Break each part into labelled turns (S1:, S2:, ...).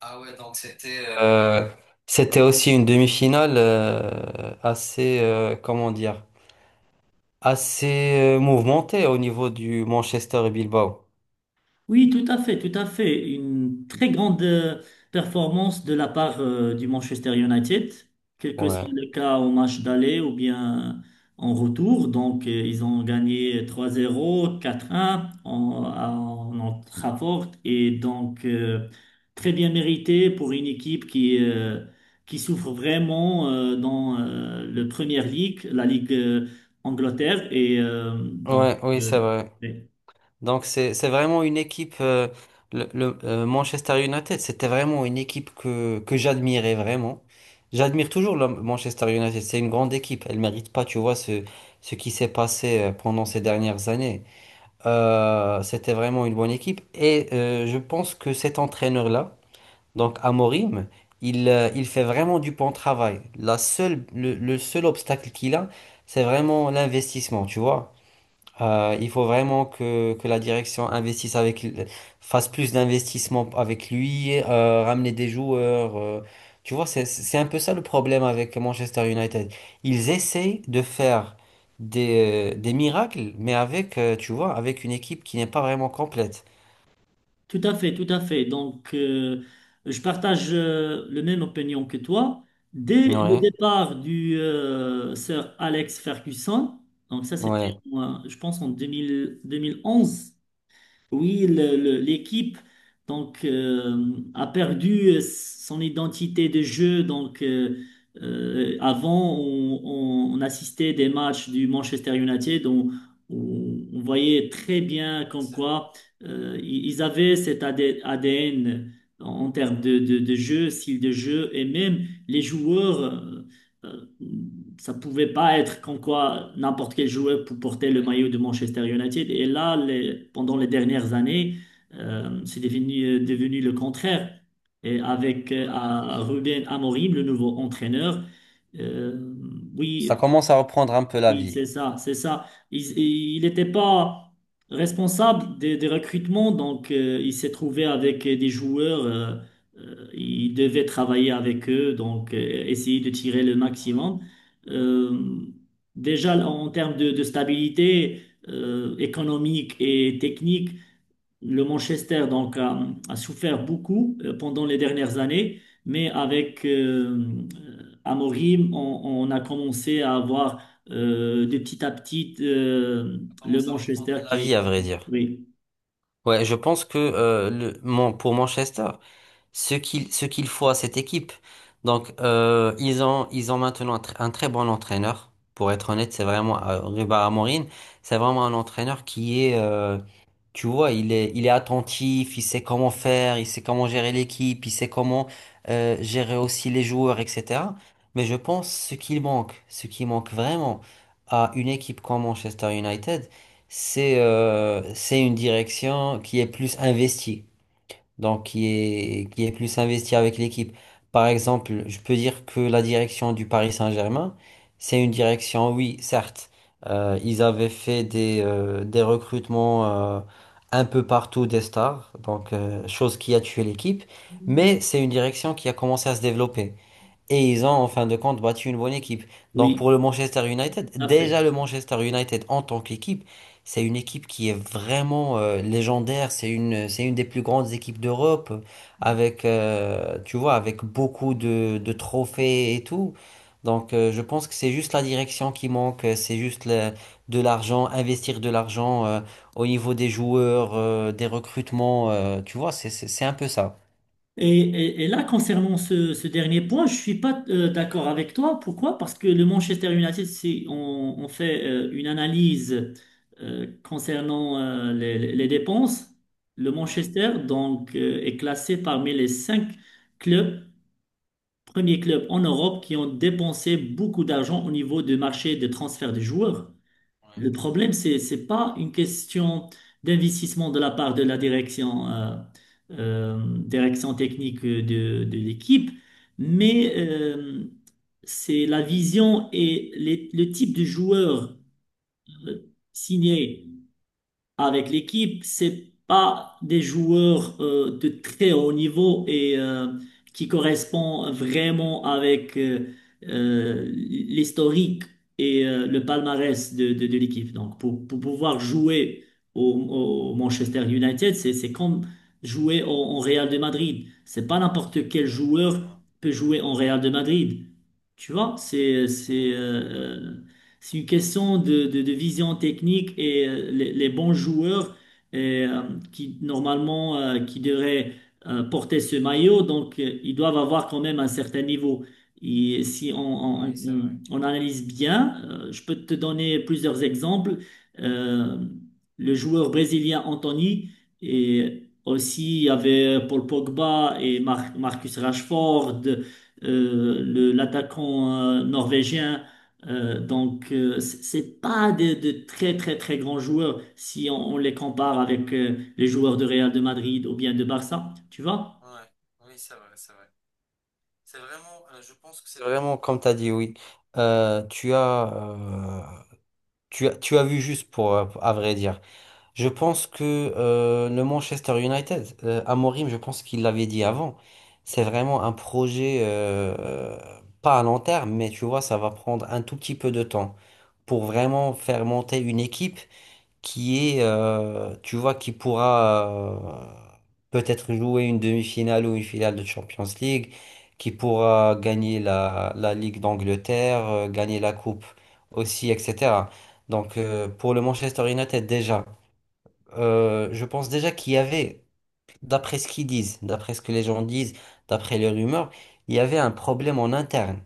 S1: Ah ouais, donc c'était aussi une demi-finale assez, comment dire, assez mouvementée au niveau du Manchester et Bilbao.
S2: Oui, tout à fait, tout à fait. Une très grande performance de la part du Manchester United, quel que soit
S1: Ouais,
S2: le cas au match d'aller ou bien en retour. Donc, ils ont gagné 3-0, 4-1 en Old Trafford. Et donc, très bien mérité pour une équipe qui souffre vraiment dans le Premier League, la Ligue Angleterre. Et donc,
S1: ouais, oui, c'est vrai. Donc c'est vraiment une équipe. Le Manchester United, c'était vraiment une équipe que j'admirais vraiment. J'admire toujours le Manchester United. C'est une grande équipe. Elle mérite pas, tu vois, ce qui s'est passé pendant ces dernières années. C'était vraiment une bonne équipe. Et je pense que cet entraîneur-là, donc Amorim, il fait vraiment du bon travail. Le seul obstacle qu'il a, c'est vraiment l'investissement, tu vois. Il faut vraiment que la direction investisse fasse plus d'investissements avec lui, ramener des joueurs. Tu vois, c'est un peu ça le problème avec Manchester United. Ils essaient de faire des miracles, mais tu vois, avec une équipe qui n'est pas vraiment complète.
S2: tout à fait, tout à fait. Donc, je partage le même opinion que toi. Dès le
S1: Ouais,
S2: départ du Sir Alex Ferguson, donc ça c'était,
S1: ouais.
S2: moi, je pense, en 2011. Oui, l'équipe donc a perdu son identité de jeu. Donc avant, on assistait des matchs du Manchester United, on voyait très bien comme quoi ils avaient cet AD ADN en termes de jeu, style de jeu, et même les joueurs. Euh, Ça pouvait pas être comme quoi n'importe quel joueur pour porter le maillot de Manchester United. Et là, pendant les dernières années, c'est devenu le contraire. Et avec à Ruben Amorim, le nouveau entraîneur, euh,
S1: Ça
S2: oui,
S1: commence à reprendre un peu la
S2: oui,
S1: vie.
S2: c'est ça, c'est ça. Il n'était pas responsable des recrutements, donc il s'est trouvé avec des joueurs. Il devait travailler avec eux, donc essayer de tirer le maximum. Euh, Déjà, en termes de stabilité économique et technique, le Manchester donc a souffert beaucoup pendant les dernières années, mais avec Amorim, on a commencé à avoir de petit à petit le Manchester
S1: La
S2: qui est.
S1: vie, à vrai dire.
S2: Oui,
S1: Ouais, je pense que pour Manchester, ce qu'il faut à cette équipe. Donc, ils ont maintenant un très bon entraîneur. Pour être honnête, c'est vraiment Ruben Amorim. C'est vraiment un entraîneur qui est tu vois, il est attentif, il sait comment faire, il sait comment gérer l'équipe, il sait comment gérer aussi les joueurs, etc. Mais je pense ce qu'il manque, ce qui manque vraiment à une équipe comme Manchester United, c'est une direction qui est plus investie donc qui est plus investi avec l'équipe. Par exemple, je peux dire que la direction du Paris Saint-Germain, c'est une direction, oui, certes, ils avaient fait des recrutements euh, un peu partout des stars, donc chose qui a tué l'équipe, mais c'est une direction qui a commencé à se développer. Et ils ont en fin de compte battu une bonne équipe. Donc
S2: oui,
S1: pour le Manchester United,
S2: tout à fait.
S1: déjà le Manchester United en tant qu'équipe, c'est une équipe qui est vraiment légendaire. C'est une des plus grandes équipes d'Europe, tu vois, avec beaucoup de trophées et tout. Donc je pense que c'est juste la direction qui manque, de l'argent, investir de l'argent au niveau des joueurs, des recrutements, tu vois, c'est un peu ça.
S2: Et là, concernant ce dernier point, je suis pas d'accord avec toi. Pourquoi? Parce que le Manchester United, si on fait une analyse concernant les dépenses, le Manchester donc est classé parmi les cinq clubs, premiers clubs en Europe qui ont dépensé beaucoup d'argent au niveau du marché des transferts de joueurs. Le problème, c'est pas une question d'investissement de la part de la direction. Direction technique de l'équipe, mais c'est la vision et le type de joueur euh, signé avec l'équipe. C'est pas des joueurs de très haut niveau et qui correspond vraiment avec l'historique et le palmarès de l'équipe. Donc, pour pouvoir jouer au Manchester United, c'est comme jouer au Real de Madrid. C'est pas n'importe quel joueur peut jouer en Real de Madrid. Tu vois, c'est une question de vision technique et les bons joueurs euh, qui normalement qui devraient porter ce maillot, donc ils doivent avoir quand même un certain niveau. Et si on,
S1: Ouais, oui,
S2: on-
S1: c'est
S2: on-
S1: vrai.
S2: on analyse bien, je peux te donner plusieurs exemples. Euh, le joueur brésilien Anthony et aussi il y avait Paul Pogba et Marcus Rashford, l'attaquant norvégien. C'est pas de très très très grands joueurs si on les compare avec les joueurs de Real de Madrid ou bien de Barça, tu vois?
S1: Ouais, oui, c'est vrai, c'est vrai. C'est vraiment, je pense que c'est vraiment comme tu as dit, oui. Euh, tu as, euh, tu as vu juste pour, à vrai dire. Je pense que le Manchester United, Amorim, je pense qu'il l'avait dit avant, c'est vraiment un projet, pas à long terme, mais tu vois, ça va prendre un tout petit peu de temps pour vraiment faire monter une équipe qui est tu vois, qui pourra peut-être jouer une demi-finale ou une finale de Champions League, qui pourra gagner la Ligue d'Angleterre, gagner la Coupe aussi, etc. Donc pour le Manchester United déjà, je pense déjà qu'il y avait, d'après ce qu'ils disent, d'après ce que les gens disent, d'après les rumeurs, il y avait un problème en interne.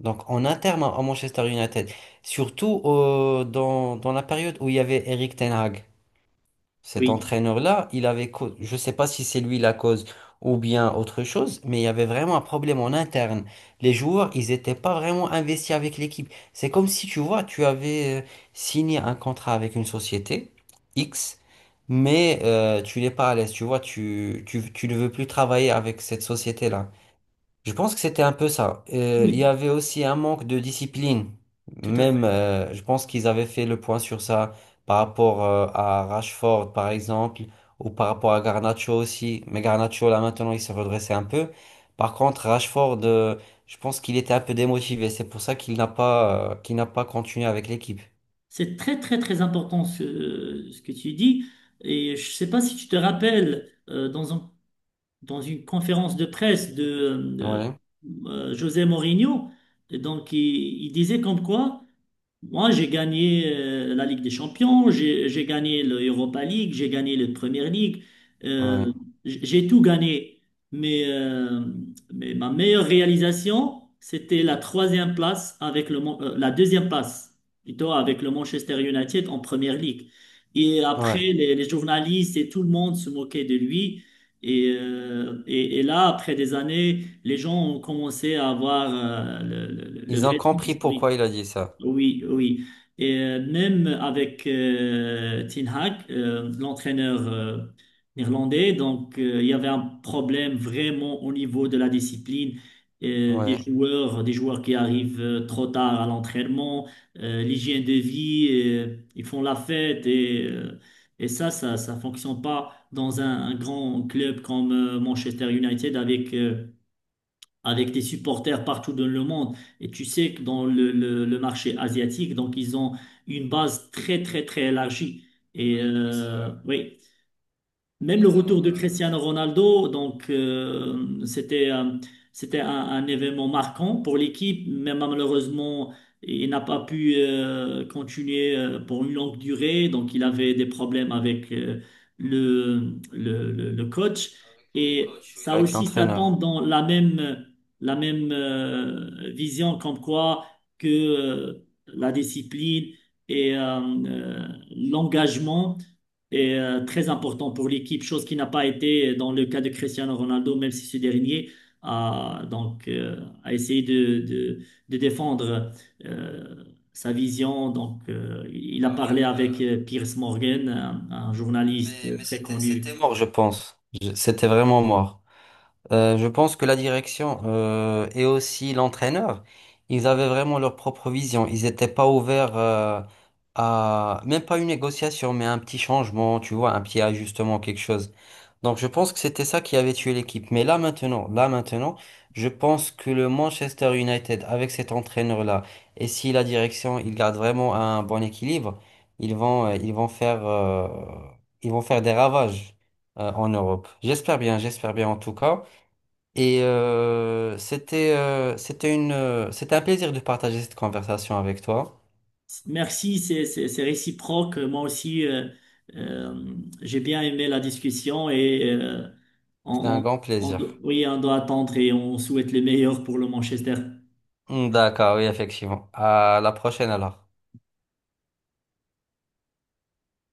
S1: Donc en interne à Manchester United, surtout dans la période où il y avait Eric Ten Hag. Cet
S2: Oui,
S1: entraîneur-là, je ne sais pas si c'est lui la cause ou bien autre chose, mais il y avait vraiment un problème en interne. Les joueurs, ils n'étaient pas vraiment investis avec l'équipe. C'est comme si, tu vois, tu avais signé un contrat avec une société X, mais tu n'es pas à l'aise, tu vois, tu ne veux plus travailler avec cette société-là. Je pense que c'était un peu ça. Il
S2: oui,
S1: y avait aussi un manque de discipline.
S2: tout à
S1: Même,
S2: fait.
S1: je pense qu'ils avaient fait le point sur ça par rapport à Rashford, par exemple, ou par rapport à Garnacho aussi. Mais Garnacho, là, maintenant, il s'est redressé un peu. Par contre, Rashford, je pense qu'il était un peu démotivé. C'est pour ça qu'il n'a pas continué avec l'équipe.
S2: C'est très très très important ce que tu dis. Et je sais pas si tu te rappelles dans une conférence de presse de, euh,
S1: Ouais,
S2: José Mourinho, donc il disait comme quoi moi, j'ai gagné la Ligue des Champions, j'ai gagné l'Europa League, j'ai gagné la Premier League.
S1: ouais,
S2: euh, j'ai tout gagné. Mais, euh, mais ma meilleure réalisation, c'était la troisième place avec la deuxième place, plutôt avec le Manchester United en Premier League. Et après,
S1: ouais.
S2: les journalistes et tout le monde se moquaient de lui. Et là, après des années, les gens ont commencé à avoir le
S1: Ils ont
S2: vrai
S1: compris
S2: sens. Oui.
S1: pourquoi il a dit ça.
S2: Oui, oui. Et même avec Ten Hag, l'entraîneur néerlandais, donc il y avait un problème vraiment au niveau de la discipline
S1: Ouais.
S2: des joueurs qui arrivent trop tard à l'entraînement, l'hygiène de vie, ils font la fête et ça fonctionne pas dans un grand club comme Manchester United avec des supporters partout dans le monde. Et tu sais que dans le marché asiatique, donc ils ont une base très, très, très élargie. Et
S1: Oui, oui, c'est vrai.
S2: oui. Même le
S1: Ils ont,
S2: retour de
S1: euh,
S2: Cristiano Ronaldo, donc c'était un événement marquant pour l'équipe, mais malheureusement il n'a pas pu continuer pour une longue durée, donc il avait des problèmes avec le coach,
S1: le
S2: et
S1: coach, oui,
S2: ça
S1: avec
S2: aussi ça tombe
S1: l'entraîneur.
S2: dans la même vision comme quoi que la discipline et euh, l'engagement et très important pour l'équipe, chose qui n'a pas été dans le cas de Cristiano Ronaldo, même si ce dernier a, donc, euh, a essayé de défendre euh, sa vision. Donc, il a
S1: Bah
S2: parlé
S1: oui,
S2: avec Piers Morgan, un
S1: Mais,
S2: journaliste
S1: mais
S2: très
S1: c'était
S2: connu.
S1: mort, je pense. C'était vraiment mort. Je pense que la direction et aussi l'entraîneur, ils avaient vraiment leur propre vision. Ils n'étaient pas ouverts même pas une négociation, mais un petit changement, tu vois, un petit ajustement, quelque chose. Donc je pense que c'était ça qui avait tué l'équipe. Mais là maintenant, je pense que le Manchester United avec cet entraîneur-là, et si la direction il garde vraiment un bon équilibre, ils vont euh, ils vont faire euh, ils vont faire des ravages en Europe. J'espère bien en tout cas. Et c'était un plaisir de partager cette conversation avec toi.
S2: Merci, c'est réciproque. Moi aussi, euh, j'ai bien aimé la discussion et
S1: C'était
S2: on,
S1: un
S2: on-
S1: grand plaisir.
S2: oui, on doit attendre et on souhaite le meilleur pour le Manchester.
S1: D'accord, oui, effectivement. À la prochaine alors.